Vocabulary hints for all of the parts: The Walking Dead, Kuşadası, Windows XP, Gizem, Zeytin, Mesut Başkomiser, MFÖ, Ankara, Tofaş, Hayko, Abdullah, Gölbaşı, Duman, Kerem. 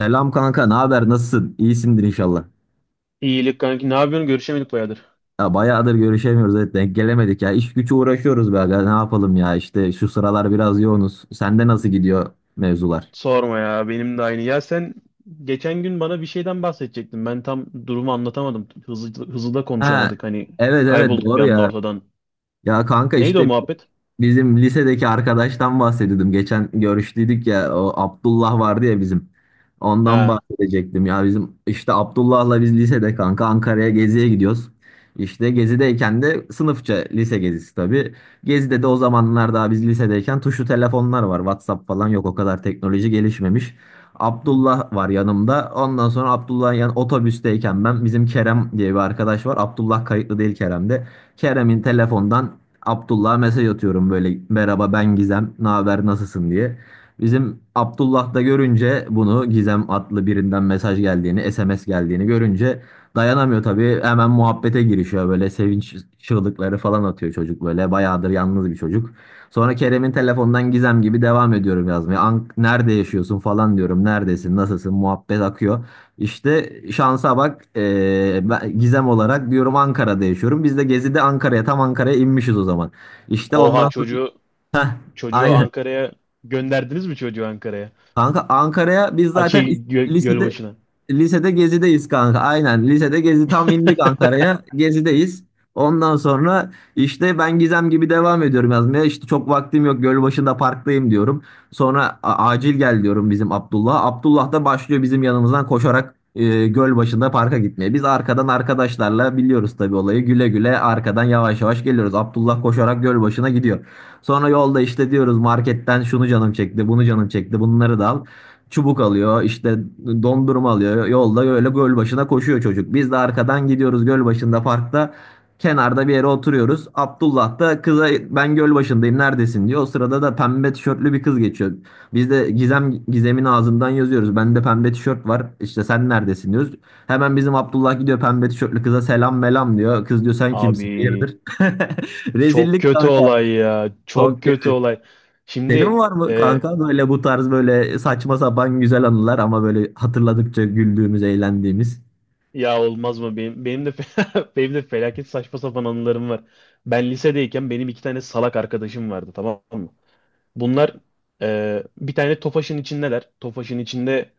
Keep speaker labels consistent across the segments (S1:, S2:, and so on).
S1: Selam kanka, ne haber? Nasılsın? İyisindir inşallah.
S2: İyilik kanki. Ne yapıyorsun? Görüşemedik bayağıdır.
S1: Ya bayağıdır görüşemiyoruz, evet denk gelemedik ya. İş gücü uğraşıyoruz be aga, ne yapalım ya? İşte şu sıralar biraz yoğunuz. Sende nasıl gidiyor mevzular?
S2: Sorma ya. Benim de aynı. Ya sen geçen gün bana bir şeyden bahsedecektin. Ben tam durumu anlatamadım. Hızlı, hızlı da
S1: Ha,
S2: konuşamadık. Hani
S1: evet evet,
S2: kaybolduk bir
S1: doğru
S2: anda
S1: ya.
S2: ortadan.
S1: Ya kanka
S2: Neydi o
S1: işte
S2: muhabbet?
S1: bizim lisedeki arkadaştan bahsediyordum. Geçen görüştüydük ya, o Abdullah vardı ya bizim. Ondan
S2: Ha.
S1: bahsedecektim ya, bizim işte Abdullah'la biz lisede kanka Ankara'ya geziye gidiyoruz. İşte gezideyken de sınıfça, lise gezisi tabii. Gezide de o zamanlar, daha biz lisedeyken, tuşlu telefonlar var. WhatsApp falan yok, o kadar teknoloji gelişmemiş. Abdullah var yanımda. Ondan sonra Abdullah'ın yan otobüsteyken, ben bizim Kerem diye bir arkadaş var, Abdullah kayıtlı değil Kerem'de. Kerem'in telefondan Abdullah'a mesaj atıyorum böyle, merhaba ben Gizem, ne haber, nasılsın diye. Bizim Abdullah da görünce bunu, Gizem adlı birinden mesaj geldiğini, SMS geldiğini görünce, dayanamıyor tabii, hemen muhabbete girişiyor, böyle sevinç çığlıkları falan atıyor çocuk, böyle bayağıdır yalnız bir çocuk. Sonra Kerem'in telefondan Gizem gibi devam ediyorum yazmaya. Ank, nerede yaşıyorsun falan diyorum, neredesin, nasılsın, muhabbet akıyor. İşte şansa bak, ben Gizem olarak diyorum Ankara'da yaşıyorum. Biz de Gezi'de Ankara'ya, tam Ankara'ya inmişiz o zaman. İşte
S2: Oha
S1: ondan sonra
S2: çocuğu çocuğu
S1: aynen.
S2: Ankara'ya gönderdiniz mi çocuğu Ankara'ya?
S1: Kanka Ankara'ya biz
S2: A,
S1: zaten lisede
S2: Gölbaşı'na.
S1: lisede gezideyiz kanka. Aynen, lisede gezi, tam indik Ankara'ya, gezideyiz. Ondan sonra işte ben Gizem gibi devam ediyorum yazmaya. İşte çok vaktim yok, Gölbaşı'nda parktayım diyorum. Sonra acil gel diyorum bizim Abdullah'a. Abdullah da başlıyor, bizim yanımızdan koşarak Gölbaşı'nda parka gitmeye. Biz arkadan, arkadaşlarla biliyoruz tabii olayı. Güle güle arkadan yavaş yavaş geliyoruz. Abdullah koşarak Gölbaşı'na gidiyor. Sonra yolda işte diyoruz, marketten şunu canım çekti, bunu canım çekti, bunları da al. Çubuk alıyor, işte dondurma alıyor. Yolda öyle göl başına koşuyor çocuk. Biz de arkadan gidiyoruz, göl başında parkta. Kenarda bir yere oturuyoruz. Abdullah da kıza, ben göl başındayım neredesin diyor. O sırada da pembe tişörtlü bir kız geçiyor. Biz de Gizem'in ağzından yazıyoruz, bende pembe tişört var, İşte sen neredesin diyoruz. Hemen bizim Abdullah gidiyor pembe tişörtlü kıza, selam melam diyor. Kız diyor sen
S2: Abi
S1: kimsin? Hayırdır?
S2: çok
S1: Rezillik
S2: kötü
S1: kanka.
S2: olay ya. Çok kötü olay.
S1: Senin
S2: Şimdi
S1: var mı
S2: e,
S1: kanka böyle, bu tarz böyle saçma sapan güzel anılar, ama böyle hatırladıkça güldüğümüz, eğlendiğimiz?
S2: ya olmaz mı? Benim de benim de felaket saçma sapan anılarım var. Ben lisedeyken benim iki tane salak arkadaşım vardı, tamam mı? Bunlar bir tane Tofaş'ın içindeler. Tofaş'ın içinde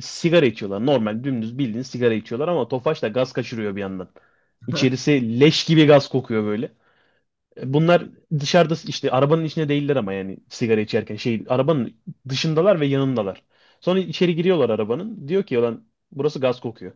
S2: sigara içiyorlar. Normal dümdüz bildiğin sigara içiyorlar ama Tofaş da gaz kaçırıyor bir yandan. İçerisi leş gibi gaz kokuyor böyle. Bunlar dışarıda, işte arabanın içinde değiller ama yani sigara içerken şey arabanın dışındalar ve yanındalar. Sonra içeri giriyorlar arabanın. Diyor ki lan burası gaz kokuyor.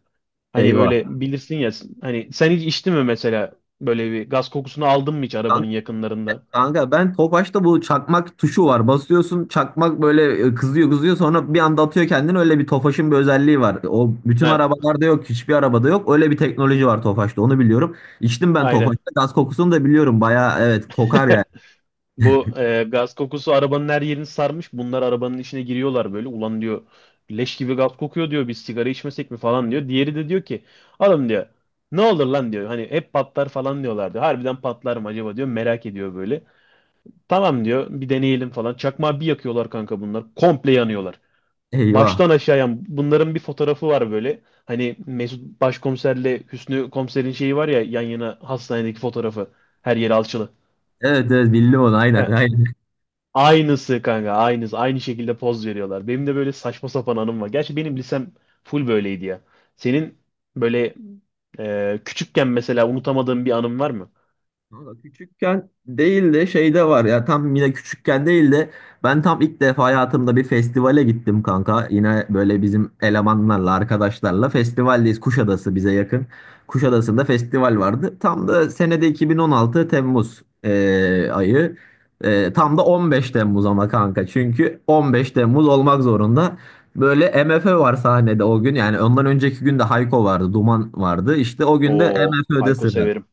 S2: Hani
S1: Eyvah.
S2: böyle bilirsin ya, hani sen hiç içtin mi mesela böyle bir gaz kokusunu aldın mı hiç
S1: Kanka,
S2: arabanın yakınlarında?
S1: kanka, ben Tofaş'ta bu çakmak tuşu var. Basıyorsun çakmak böyle, kızıyor kızıyor, sonra bir anda atıyor kendini. Öyle bir Tofaş'ın bir özelliği var. O bütün
S2: Heh,
S1: arabalarda yok, hiçbir arabada yok. Öyle bir teknoloji var Tofaş'ta, onu biliyorum. İçtim ben
S2: aynen.
S1: Tofaş'ta, gaz kokusunu da biliyorum. Baya evet, kokar yani.
S2: Bu gaz kokusu arabanın her yerini sarmış. Bunlar arabanın içine giriyorlar böyle. Ulan diyor leş gibi gaz kokuyor diyor. Biz sigara içmesek mi falan diyor. Diğeri de diyor ki adam diyor ne olur lan diyor. Hani hep patlar falan diyorlar diyor. Harbiden patlar mı acaba diyor. Merak ediyor böyle. Tamam diyor bir deneyelim falan. Çakmağı bir yakıyorlar kanka bunlar. Komple yanıyorlar,
S1: Eyvah.
S2: baştan aşağıya bunların bir fotoğrafı var böyle. Hani Mesut Başkomiserle Hüsnü Komiser'in şeyi var ya, yan yana hastanedeki fotoğrafı. Her yeri alçılı.
S1: Evet evet, bildim onu, aynen
S2: He,
S1: aynen.
S2: aynısı kanka aynısı. Aynı şekilde poz veriyorlar. Benim de böyle saçma sapan anım var. Gerçi benim lisem full böyleydi ya. Senin böyle küçükken mesela unutamadığın bir anın var mı?
S1: Valla küçükken değil de, şeyde var ya, tam yine küçükken değil de, ben tam ilk defa hayatımda bir festivale gittim kanka. Yine böyle bizim elemanlarla, arkadaşlarla festivaldeyiz, Kuşadası bize yakın. Kuşadası'nda festival vardı. Tam da senede 2016 Temmuz ayı. Tam da 15 Temmuz, ama kanka çünkü 15 Temmuz olmak zorunda. Böyle MFÖ var sahnede o gün, yani ondan önceki gün de Hayko vardı, Duman vardı, işte o gün de
S2: Oo,
S1: MFÖ'de
S2: Hayko
S1: sıra.
S2: severim.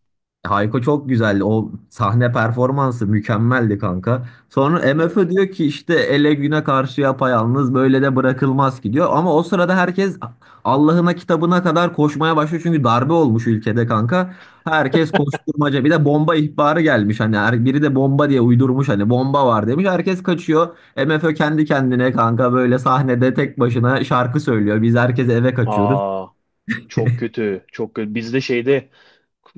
S1: Hayko çok güzeldi. O sahne performansı mükemmeldi kanka. Sonra
S2: Evet.
S1: MFÖ diyor ki, işte ele güne karşı yapayalnız böyle de bırakılmaz ki diyor. Ama o sırada herkes Allah'ına kitabına kadar koşmaya başlıyor. Çünkü darbe olmuş ülkede kanka. Herkes koşturmaca. Bir de bomba ihbarı gelmiş. Hani biri de bomba diye uydurmuş, hani bomba var demiş. Herkes kaçıyor. MFÖ kendi kendine kanka böyle sahnede tek başına şarkı söylüyor. Biz, herkes eve kaçıyoruz.
S2: Aa, çok kötü, çok kötü. Bizde şeyde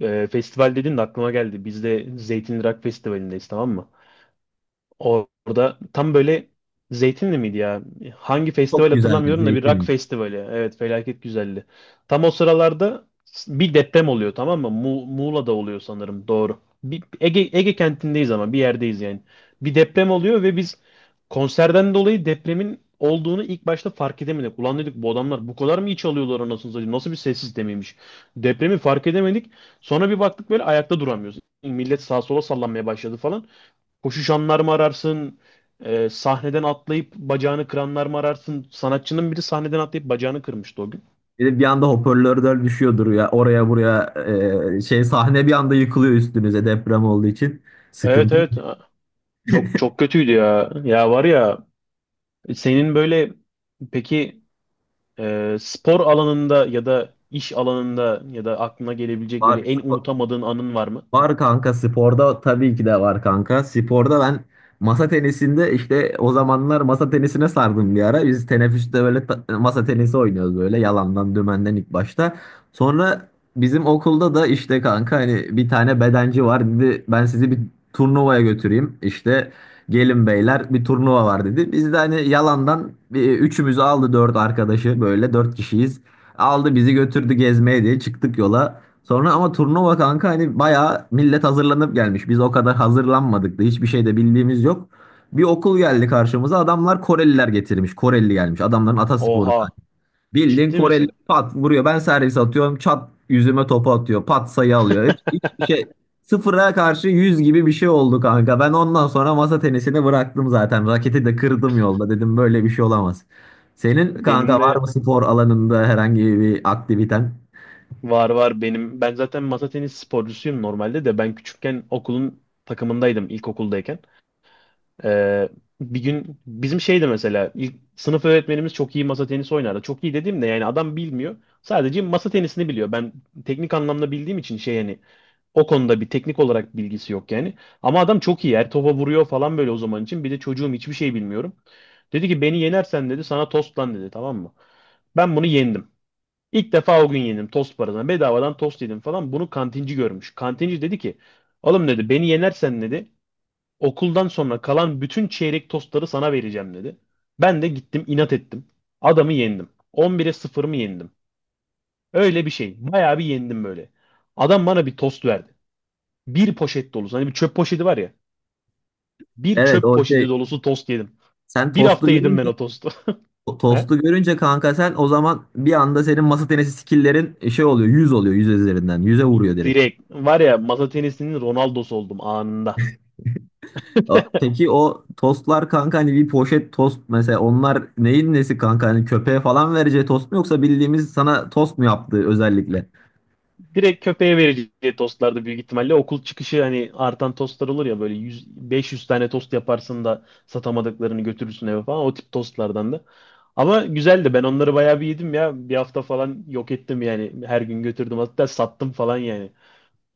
S2: festival dedin de aklıma geldi. Bizde Zeytinli Rock Festivali'ndeyiz, tamam mı? Orada tam böyle Zeytinli miydi ya? Hangi festival
S1: Çok güzeldir
S2: hatırlamıyorum da bir rock
S1: Zeytin'in.
S2: festivali. Evet felaket güzeldi. Tam o sıralarda bir deprem oluyor, tamam mı? Muğla'da oluyor sanırım, doğru. Bir, Ege, Ege kentindeyiz ama bir yerdeyiz yani. Bir deprem oluyor ve biz konserden dolayı depremin olduğunu ilk başta fark edemedik. Ulan dedik bu adamlar bu kadar mı iç alıyorlar anasını satayım? Nasıl bir sessiz demeymiş? Depremi fark edemedik. Sonra bir baktık böyle ayakta duramıyoruz. Millet sağa sola sallanmaya başladı falan. Koşu şanlar mı ararsın? Sahneden atlayıp bacağını kıranlar mı ararsın? Sanatçının biri sahneden atlayıp bacağını kırmıştı o gün.
S1: Bir de bir anda hoparlörler düşüyordur ya oraya buraya, sahne bir anda yıkılıyor üstünüze, deprem olduğu için.
S2: Evet,
S1: Sıkıntı
S2: evet. Çok çok kötüydü ya. Ya var ya, senin böyle peki spor alanında ya da iş alanında ya da aklına gelebilecek böyle
S1: var.
S2: en unutamadığın anın var mı?
S1: Var kanka, sporda tabii ki de var kanka. Sporda ben masa tenisinde işte, o zamanlar masa tenisine sardım bir ara. Biz teneffüste böyle masa tenisi oynuyoruz böyle, yalandan dümenden ilk başta. Sonra bizim okulda da işte kanka, hani bir tane bedenci var, dedi ben sizi bir turnuvaya götüreyim. İşte gelin beyler, bir turnuva var dedi. Biz de hani yalandan, üçümüzü aldı, dört arkadaşı, böyle dört kişiyiz. Aldı bizi götürdü gezmeye diye çıktık yola. Sonra ama turnuva kanka, hani bayağı millet hazırlanıp gelmiş. Biz o kadar hazırlanmadık da hiçbir şey de bildiğimiz yok. Bir okul geldi karşımıza, adamlar Koreliler getirmiş. Koreli gelmiş, adamların atasporu.
S2: Oha,
S1: Bildiğin
S2: ciddi
S1: Koreli
S2: misin?
S1: pat vuruyor, ben servis atıyorum, çat yüzüme topu atıyor, pat sayı alıyor. Hiçbir şey, sıfıra karşı yüz gibi bir şey oldu kanka. Ben ondan sonra masa tenisini bıraktım zaten. Raketi de kırdım yolda, dedim böyle bir şey olamaz. Senin kanka
S2: Benim
S1: var
S2: de
S1: mı spor alanında herhangi bir aktiviten?
S2: var, var benim. Ben zaten masa tenisi sporcusuyum normalde de, ben küçükken okulun takımındaydım ilkokuldayken. Ee, bir gün bizim şeydi mesela, ilk sınıf öğretmenimiz çok iyi masa tenisi oynardı. Çok iyi dediğimde yani adam bilmiyor. Sadece masa tenisini biliyor. Ben teknik anlamda bildiğim için şey yani o konuda bir teknik olarak bilgisi yok yani. Ama adam çok iyi. Her topa vuruyor falan böyle o zaman için. Bir de çocuğum hiçbir şey bilmiyorum. Dedi ki beni yenersen dedi sana tost lan dedi, tamam mı? Ben bunu yendim. İlk defa o gün yendim tost parasına. Bedavadan tost yedim falan. Bunu kantinci görmüş. Kantinci dedi ki oğlum dedi beni yenersen dedi okuldan sonra kalan bütün çeyrek tostları sana vereceğim dedi. Ben de gittim inat ettim. Adamı yendim. 11'e sıfır mı yendim? Öyle bir şey. Bayağı bir yendim böyle. Adam bana bir tost verdi. Bir poşet dolusu. Hani bir çöp poşeti var ya. Bir
S1: Evet,
S2: çöp
S1: o şey
S2: poşeti dolusu tost yedim.
S1: Sen
S2: Bir hafta
S1: tostu
S2: yedim ben
S1: görünce
S2: o tostu.
S1: o
S2: He?
S1: tostu görünce kanka, sen o zaman bir anda senin masa tenisi skill'lerin şey oluyor, 100 oluyor, 100 üzerinden yüze vuruyor direkt.
S2: Direkt. Var ya masa tenisinin Ronaldo'su oldum anında.
S1: Peki o tostlar kanka, hani bir poşet tost mesela, onlar neyin nesi kanka, hani köpeğe falan vereceği tost mu, yoksa bildiğimiz sana tost mu yaptığı özellikle?
S2: Direkt köpeğe vereceği tostlardı büyük ihtimalle. Okul çıkışı hani artan tostlar olur ya böyle 100, 500 tane tost yaparsın da satamadıklarını götürürsün eve falan. O tip tostlardan da. Ama güzeldi. Ben onları bayağı bir yedim ya. Bir hafta falan yok ettim yani. Her gün götürdüm. Hatta sattım falan yani.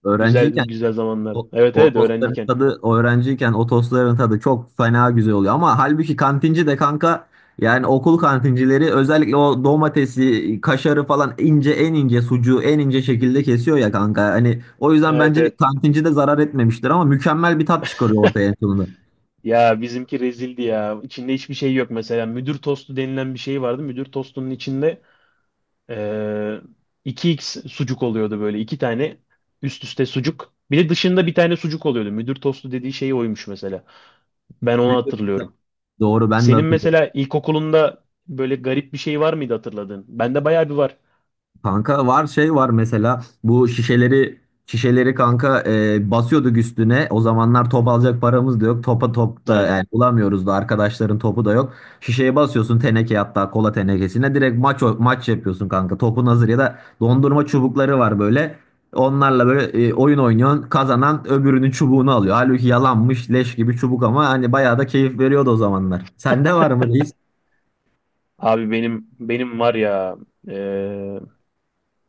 S1: Öğrenciyken
S2: Güzeldi, güzel zamanlar.
S1: O,
S2: Evet
S1: o
S2: evet
S1: tostların
S2: öğrenciyken.
S1: tadı, öğrenciyken o tostların tadı çok fena güzel oluyor. Ama halbuki kantinci de kanka, yani okul kantincileri özellikle o domatesi, kaşarı falan ince, en ince sucuğu en ince şekilde kesiyor ya kanka. Hani o yüzden
S2: Evet,
S1: bence
S2: evet.
S1: kantinci de zarar etmemiştir, ama mükemmel bir tat çıkarıyor ortaya en sonunda.
S2: Ya bizimki rezildi ya. İçinde hiçbir şey yok mesela. Müdür tostu denilen bir şey vardı. Müdür tostunun içinde Ee, 2 x sucuk oluyordu böyle. İki tane üst üste sucuk. Bir de dışında bir tane sucuk oluyordu. Müdür tostu dediği şey oymuş mesela. Ben onu
S1: Bütün-
S2: hatırlıyorum.
S1: Doğru, ben de
S2: Senin
S1: hatırlıyorum.
S2: mesela ilkokulunda böyle garip bir şey var mıydı hatırladığın? Bende bayağı bir var.
S1: Kanka var, var mesela, bu şişeleri kanka basıyorduk üstüne. O zamanlar top alacak paramız da yok. Topa top da
S2: Aynen.
S1: yani bulamıyoruz da, arkadaşların topu da yok. Şişeye basıyorsun, teneke, hatta kola tenekesine direkt maç yapıyorsun kanka. Topun hazır, ya da dondurma çubukları var böyle. Onlarla böyle oyun oynuyorsun. Kazanan öbürünün çubuğunu alıyor. Halbuki yalanmış leş gibi çubuk, ama hani bayağı da keyif veriyordu o zamanlar. Sende var mı reis?
S2: Abi benim var ya ee,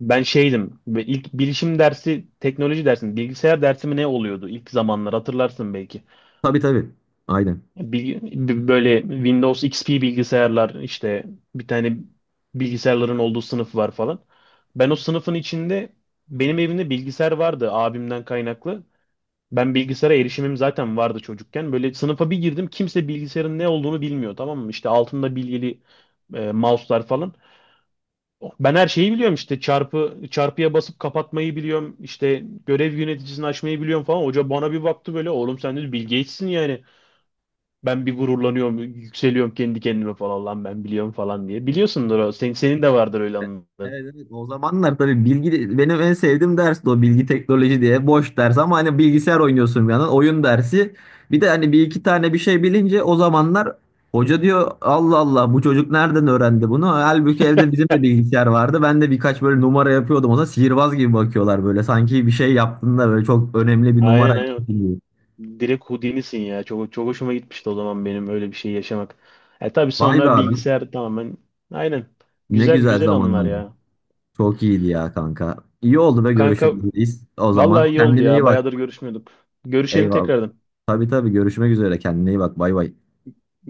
S2: ben şeydim ve ilk bilişim dersi teknoloji dersi bilgisayar dersi mi ne oluyordu ilk zamanlar, hatırlarsın belki.
S1: Tabii tabii. Aynen.
S2: Bil- Böyle Windows XP bilgisayarlar işte, bir tane bilgisayarların olduğu sınıf var falan. Ben o sınıfın içinde, benim evimde bilgisayar vardı abimden kaynaklı. Ben bilgisayara erişimim zaten vardı çocukken. Böyle sınıfa bir girdim kimse bilgisayarın ne olduğunu bilmiyor, tamam mı? İşte altında bilgili mouse'lar falan. Ben her şeyi biliyorum, işte çarpı çarpıya basıp kapatmayı biliyorum. İşte görev yöneticisini açmayı biliyorum falan. Hoca bana bir baktı böyle, oğlum sen dedi Bill Gates'sin yani. Ben bir gururlanıyorum, yükseliyorum kendi kendime falan, lan ben biliyorum falan diye. Biliyorsundur o. Senin de vardır öyle anların.
S1: Evet, evet. O zamanlar tabii bilgi, benim en sevdiğim ders de o, bilgi teknoloji diye boş ders, ama hani bilgisayar oynuyorsun bir yandan, oyun dersi. Bir de hani bir iki tane bir şey bilince, o zamanlar hoca diyor, Allah Allah, bu çocuk nereden öğrendi bunu? Halbuki evde bizim de bilgisayar vardı, ben de birkaç böyle numara yapıyordum. O zaman sihirbaz gibi bakıyorlar böyle. Sanki bir şey yaptın da, böyle çok önemli bir numara
S2: Aynen, aynen.
S1: yaptın gibi.
S2: Direkt Houdini'sin ya. Çok hoşuma gitmişti o zaman benim öyle bir şey yaşamak. E tabii
S1: Vay be
S2: sonra
S1: abi,
S2: bilgisayar tamamen. Aynen.
S1: ne
S2: Güzel
S1: güzel
S2: güzel anılar
S1: zamanlardı.
S2: ya.
S1: Çok iyiydi ya kanka. İyi oldu, ve
S2: Kanka
S1: görüşürüz. O zaman
S2: vallahi iyi oldu
S1: kendine iyi
S2: ya.
S1: bak.
S2: Bayağıdır görüşmüyorduk. Görüşelim
S1: Eyvallah.
S2: tekrardan.
S1: Tabii tabii, görüşmek üzere. Kendine iyi bak. Bay bay.
S2: Görüşürüz.